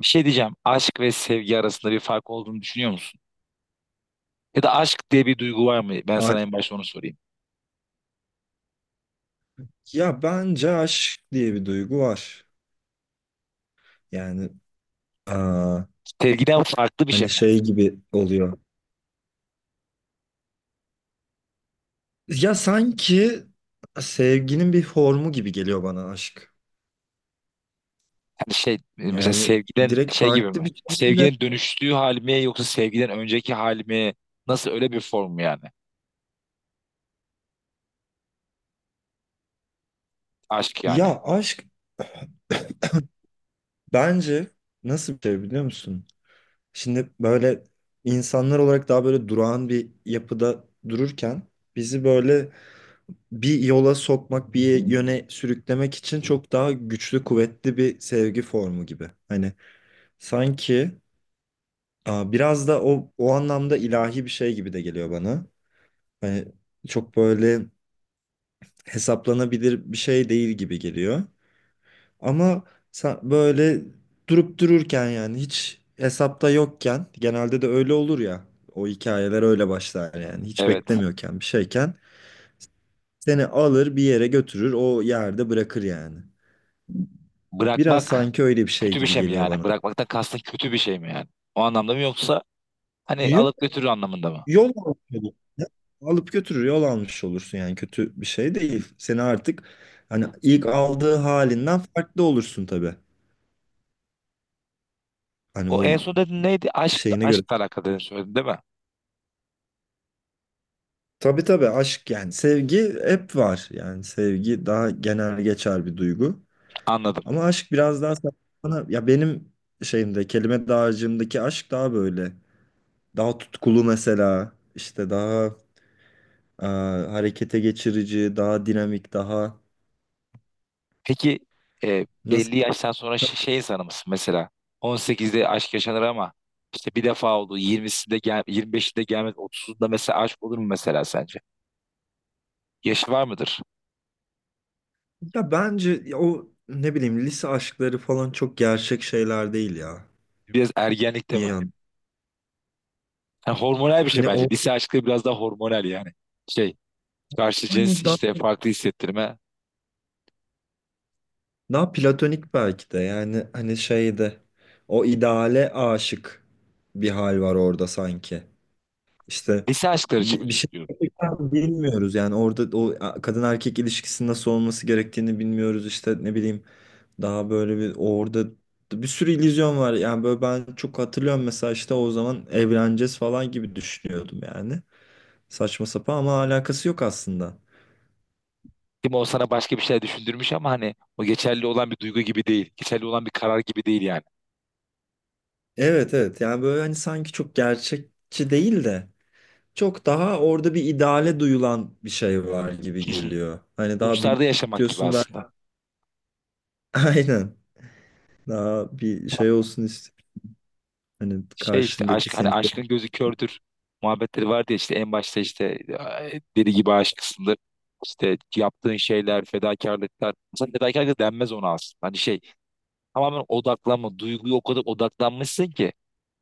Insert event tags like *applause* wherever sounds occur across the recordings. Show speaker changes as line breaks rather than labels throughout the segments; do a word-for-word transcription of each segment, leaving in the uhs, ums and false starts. Bir şey diyeceğim. Aşk ve sevgi arasında bir fark olduğunu düşünüyor musun? Ya da aşk diye bir duygu var mı? Ben
A-
sana en başta onu sorayım.
Ya bence aşk diye bir duygu var. Yani aa,
Sevgiden farklı bir şey
hani
mi?
şey gibi oluyor. Ya sanki sevginin bir formu gibi geliyor bana aşk.
Yani şey mesela
Yani
sevgiden
direkt
şey gibi
farklı
mi?
bir şekilde.
Sevginin dönüştüğü hal mi yoksa sevgiden önceki hal mi? Nasıl öyle bir form mu yani? Aşk yani.
Ya aşk bence nasıl bir şey biliyor musun? Şimdi böyle insanlar olarak daha böyle durağan bir yapıda dururken bizi böyle bir yola sokmak, bir yöne sürüklemek için çok daha güçlü, kuvvetli bir sevgi formu gibi. Hani sanki aa, biraz da o o anlamda ilahi bir şey gibi de geliyor bana. Hani çok böyle hesaplanabilir bir şey değil gibi geliyor. Ama sa- böyle durup dururken yani hiç hesapta yokken genelde de öyle olur ya. O hikayeler öyle başlar yani. Hiç
Evet.
beklemiyorken bir şeyken seni alır bir yere götürür o yerde bırakır yani. Biraz
Bırakmak
sanki öyle bir şey
kötü bir
gibi
şey mi
geliyor
yani?
bana.
Bırakmaktan kastın kötü bir şey mi yani? O anlamda mı yoksa hani
Yok,
alıp götürür anlamında mı?
yol almış olursun. Alıp götürür yol almış olursun yani kötü bir şey değil. Seni artık hani ilk aldığı halinden farklı olursun tabii. Hani
O
o
en son dedin neydi? Aşk,
şeyine göre.
aşkla alakalı dedin söyledin değil mi?
Tabii tabii aşk yani sevgi hep var. Yani sevgi daha genel geçer bir duygu.
Anladım.
Ama aşk biraz daha sana ya benim şeyimde kelime dağarcığımdaki aşk daha böyle daha tutkulu mesela işte daha e, harekete geçirici, daha dinamik, daha
Peki e,
nasıl.
belli yaştan sonra şey, şey insanı mısın mesela? on sekizde aşk yaşanır ama işte bir defa oldu. yirmisinde gel yirmi beşinde gelmez. otuzunda mesela aşk olur mu mesela sence? Yaşı var mıdır?
Ya bence ya o ne bileyim lise aşkları falan çok gerçek şeyler değil ya.
Biraz ergenlikte
Bir
mi?
yan.
Yani hormonal bir şey
Hani
bence.
o
Lise aşkı biraz daha hormonal yani. Şey karşı cins
hani daha
işte farklı hissettirme.
daha platonik belki de yani hani şeyde o ideale aşık bir hal var orada sanki. İşte
Lise aşkları için mi
bir, bir
diyorsun
şey
diyorum.
gerçekten bilmiyoruz yani orada o kadın erkek ilişkisinin nasıl olması gerektiğini bilmiyoruz işte ne bileyim daha böyle bir orada bir sürü illüzyon var yani böyle ben çok hatırlıyorum mesela işte o zaman evleneceğiz falan gibi düşünüyordum yani saçma sapan ama alakası yok aslında.
Değil mi? O sana başka bir şey düşündürmüş ama hani o geçerli olan bir duygu gibi değil. Geçerli olan bir karar gibi değil yani.
Evet evet yani böyle hani sanki çok gerçekçi değil de çok daha orada bir ideale duyulan bir şey var gibi
*laughs*
geliyor. Hani daha büyük
Uçlarda yaşamak gibi
istiyorsun ben
aslında.
*laughs* aynen. Daha bir şey olsun istedim. Hani
Şey işte
karşındaki
aşk hani
seni.
aşkın gözü kördür muhabbetleri vardı ya işte en başta işte "Ay, deli gibi aşksındır. İşte yaptığın şeyler, fedakarlıklar. Mesela fedakarlık denmez ona aslında. Hani şey tamamen odaklanma. Duyguya o kadar odaklanmışsın ki.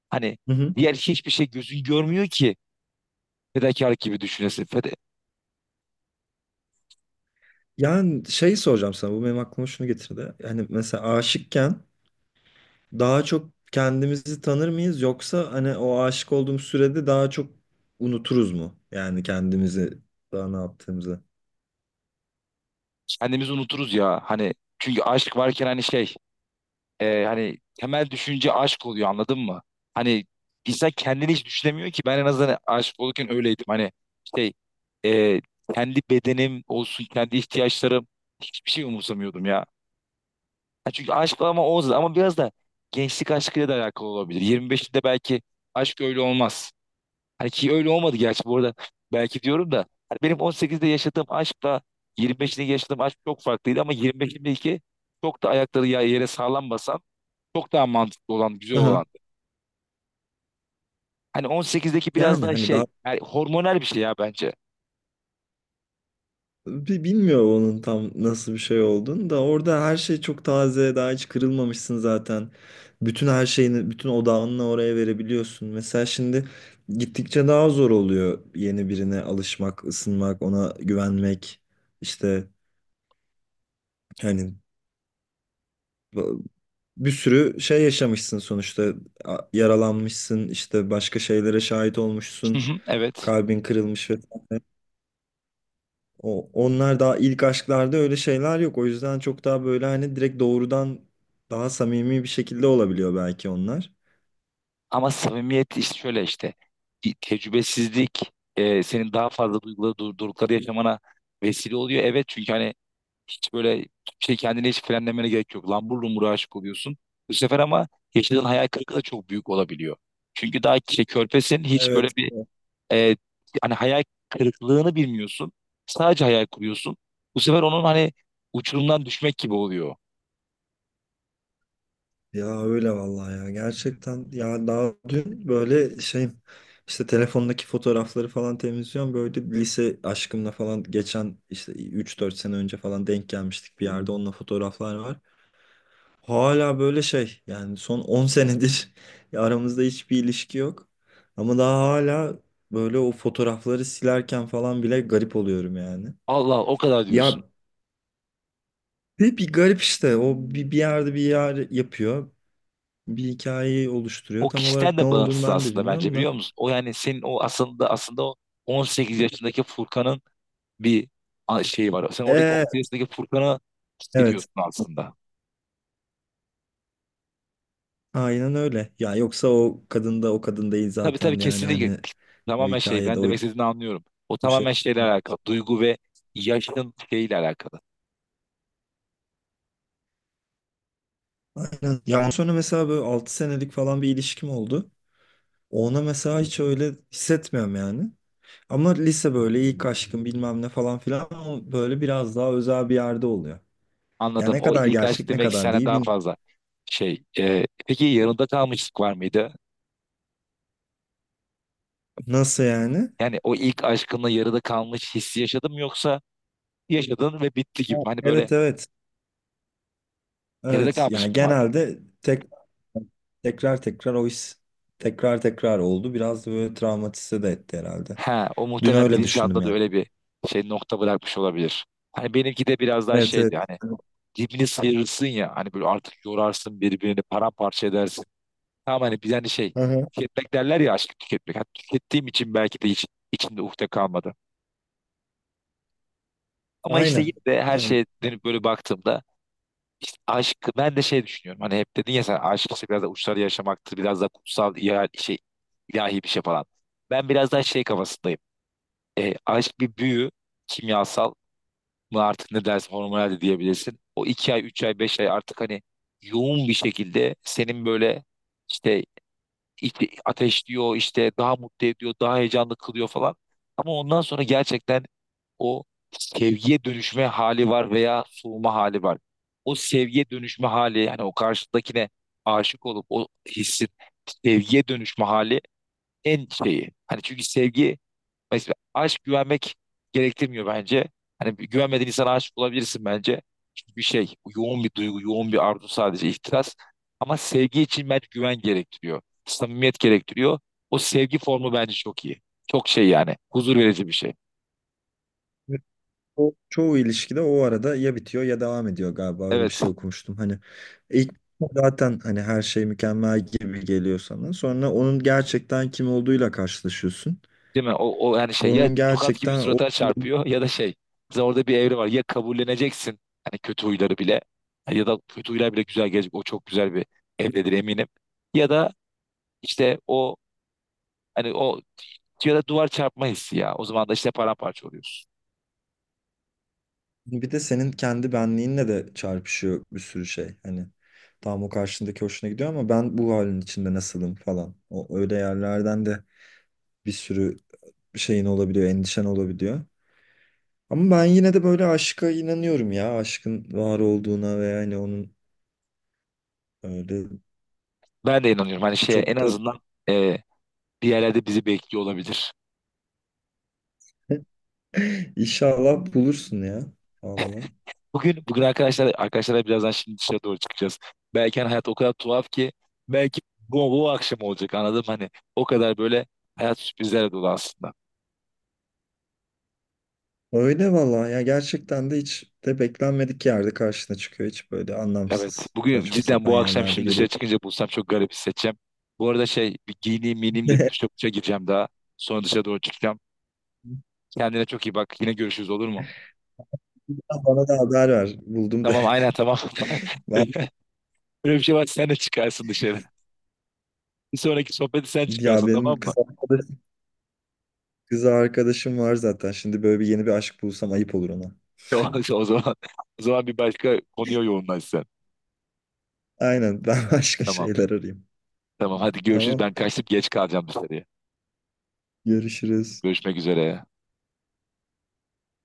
Hani
Hı hı.
diğer hiçbir şey gözün görmüyor ki fedakarlık gibi düşünesin. Feda-
Yani şey soracağım sana. Bu benim aklıma şunu getirdi. Hani mesela aşıkken daha çok kendimizi tanır mıyız? Yoksa hani o aşık olduğumuz sürede daha çok unuturuz mu? Yani kendimizi daha ne yaptığımızı.
kendimizi unuturuz ya. Hani çünkü aşk varken hani şey e, hani temel düşünce aşk oluyor anladın mı? Hani insan kendini hiç düşünemiyor ki ben en azından aşık olurken öyleydim. Hani şey e, kendi bedenim olsun kendi ihtiyaçlarım hiçbir şey umursamıyordum ya. Ha, çünkü aşk ama o ama biraz da gençlik aşkıyla da alakalı olabilir. yirmi beşinde belki aşk öyle olmaz. Hani ki öyle olmadı gerçi bu arada belki diyorum da hani benim on sekizde yaşadığım aşkla yirmi beşinde yaşadığım aşk çok farklıydı ama yirmi beşimdeki çok da ayakları ya- yere sağlam basan çok daha mantıklı olan, güzel
Aha.
olan. Hani on sekizdeki biraz
Yani
daha
hani
şey,
daha
yani hormonal bir şey ya bence.
Bi- bilmiyorum onun tam nasıl bir şey olduğunu da orada her şey çok taze daha hiç kırılmamışsın zaten. Bütün her şeyini bütün odağını oraya verebiliyorsun. Mesela şimdi gittikçe daha zor oluyor yeni birine alışmak, ısınmak, ona güvenmek. İşte hani bu- bir sürü şey yaşamışsın sonuçta. A- yaralanmışsın işte başka şeylere şahit
Hı
olmuşsun
hı, evet.
kalbin kırılmış vesaire. O, onlar daha ilk aşklarda öyle şeyler yok. O yüzden çok daha böyle hani direkt doğrudan daha samimi bir şekilde olabiliyor belki onlar.
Ama samimiyet işte şöyle işte. Bir tecrübesizlik e, senin daha fazla duyguları, durdurukları yaşamana vesile oluyor. Evet çünkü hani hiç böyle şey kendine hiç frenlemene gerek yok. Lambur lumbur aşık oluyorsun. Bu sefer ama yaşadığın hayal kırıklığı da çok büyük olabiliyor. Çünkü daha şey, körpesin hiç böyle
Evet.
bir e, hani hayal kırıklığını bilmiyorsun. Sadece hayal kuruyorsun. Bu sefer onun hani uçurumdan düşmek gibi oluyor.
Ya öyle vallahi ya. Gerçekten ya daha dün böyle şey işte telefondaki fotoğrafları falan temizliyorum. Böyle lise aşkımla falan geçen işte üç dört sene önce falan denk gelmiştik bir yerde. Onunla fotoğraflar var. Hala böyle şey yani son on senedir *laughs* ya aramızda hiçbir ilişki yok. Ama daha hala böyle o fotoğrafları silerken falan bile garip oluyorum yani.
Allah Allah, o kadar diyorsun.
Ya bir, bir garip işte o bir, bir yerde bir yer yapıyor. Bir hikayeyi
O
oluşturuyor. Tam
kişiden
olarak ne
de
olduğunu
bağımsız
ben de
aslında bence
bilmiyorum da.
biliyor musun? O yani senin o aslında aslında o on sekiz yaşındaki Furkan'ın bir a- şeyi var. Sen oradaki
Ee,
on sekiz yaşındaki Furkan'ı
evet
hissediyorsun aslında.
aynen öyle. Ya yoksa o kadın da o kadın değil
Tabii tabii
zaten yani
kesinlikle
hani o
tamamen şey
hikayede
ben
o
demek istediğini anlıyorum. O
bir şey.
tamamen şeyle alakalı. Duygu ve yaşın şeyle alakalı.
Aynen. Ya ondan sonra mesela böyle altı senelik falan bir ilişkim oldu. Ona mesela hiç öyle hissetmiyorum yani. Ama lise böyle ilk aşkım bilmem ne falan filan o böyle biraz daha özel bir yerde oluyor. Ya
Anladım.
ne
O
kadar
ilk aşk
gerçek ne
demek
kadar
sana
değil
daha
bin.
fazla şey. e, peki yarıda kalmışlık var mıydı?
Nasıl yani?
Yani o ilk aşkınla yarıda kalmış hissi yaşadın mı yoksa yaşadın ve bitti gibi.
Evet.
Hani böyle
Evet evet.
yarıda
Evet. Yani
kalmış mı vardı?
genelde tek, tekrar tekrar o his tekrar tekrar oldu. Biraz da böyle travmatize de etti herhalde.
Ha, o
Dün
muhtemelen
öyle düşündüm
bilinçaltında da
yani.
öyle bir şey nokta bırakmış olabilir. Hani benimki de biraz daha
Evet evet.
şeydi hani dibini sıyırırsın ya hani böyle artık yorarsın birbirini paramparça edersin. Tamam hani bir hani şey
Aha,
tüketmek derler ya aşkı tüketmek. Hani tükettiğim için belki de hiç içimde ukde kalmadı. Ama işte yine
aynen.
de her
Aynen.
şeye dönüp böyle baktığımda işte aşk ben de şey düşünüyorum. Hani hep dedin ya sen aşk işte biraz da uçları yaşamaktır. Biraz da kutsal ya, şey ilahi bir şey falan. Ben biraz daha şey kafasındayım. E, aşk bir büyü kimyasal mı artık ne dersin hormonal de diyebilirsin. O iki ay, üç ay, beş ay artık hani yoğun bir şekilde senin böyle işte ite- ateşliyor işte daha mutlu ediyor daha heyecanlı kılıyor falan. Ama ondan sonra gerçekten o sevgiye dönüşme hali var veya soğuma hali var. O sevgiye dönüşme hali yani o karşıdakine aşık olup o hissin sevgiye dönüşme hali en şeyi. Hani çünkü sevgi. Mesela aşk güvenmek gerektirmiyor bence. Hani bir güvenmediğin insana aşık olabilirsin bence. Çünkü bir şey, bu yoğun bir duygu, yoğun bir arzu sadece ihtiras. Ama sevgi için bence güven gerektiriyor. Samimiyet gerektiriyor. O sevgi formu bence çok iyi. Çok şey yani. Huzur verici bir şey.
O çoğu ilişkide o arada ya bitiyor ya devam ediyor galiba öyle bir
Evet.
şey okumuştum. Hani ilk zaten hani her şey mükemmel gibi geliyor sana. Sonra onun gerçekten kim olduğuyla karşılaşıyorsun.
Değil mi? O, o yani şey ya
Onun
tokat gibi
gerçekten o
surata çarpıyor ya da şey. Mesela orada bir evre var. Ya kabulleneceksin hani kötü huyları bile ya da kötü huylar bile güzel gelecek. O çok güzel bir evredir eminim. Ya da işte o. Hani o ya da duvar çarpma hissi ya. O zaman da işte paramparça oluyoruz.
*laughs* bir de senin kendi benliğinle de çarpışıyor bir sürü şey. Hani tam o karşındaki hoşuna gidiyor ama ben bu halin içinde nasılım falan. O öyle yerlerden de bir sürü şeyin olabiliyor, endişen olabiliyor. Ama ben yine de böyle aşka inanıyorum ya. Aşkın var olduğuna ve yani onun. Öyle
Ben de inanıyorum. Hani şeye en
çok da
azından e, bir yerlerde bizi bekliyor olabilir.
inşallah bulursun ya. Allah.
Bugün bugün arkadaşlar arkadaşlarla birazdan şimdi dışarı doğru çıkacağız. Belki hani hayat o kadar tuhaf ki belki bu, bu akşam olacak anladım hani o kadar böyle hayat sürprizlerle dolu aslında.
Öyle valla ya gerçekten de hiç de beklenmedik yerde karşına çıkıyor. Hiç böyle
Evet
anlamsız
bugün
saçma
cidden
sapan
bu akşam
yerlerde
şimdi
geliyor.
dışarı çıkınca bulsam çok garip hissedeceğim. Bu arada şey bir giyineyim miyineyim de bir duşa duşa gireceğim daha. Sonra dışarı doğru çıkacağım. Kendine çok iyi bak. Yine görüşürüz olur mu?
Ya bana da haber ver. Buldum da.
Tamam aynen tamam.
*laughs*
*laughs* Böyle bir şey var sen de çıkarsın dışarı. Bir sonraki sohbeti sen
Ya
çıkarsın
benim
tamam mı?
kız
*laughs*
arkadaşım, kız arkadaşım var zaten. Şimdi böyle bir yeni bir aşk bulsam ayıp olur ona.
O, o zaman o zaman bir başka konuya yoğunlaş sen.
Aynen ben *laughs* başka
Tamam.
şeyler arayayım.
Tamam hadi görüşürüz.
Tamam.
Ben kaçtım geç kalacağım dışarıya.
Görüşürüz.
Görüşmek üzere.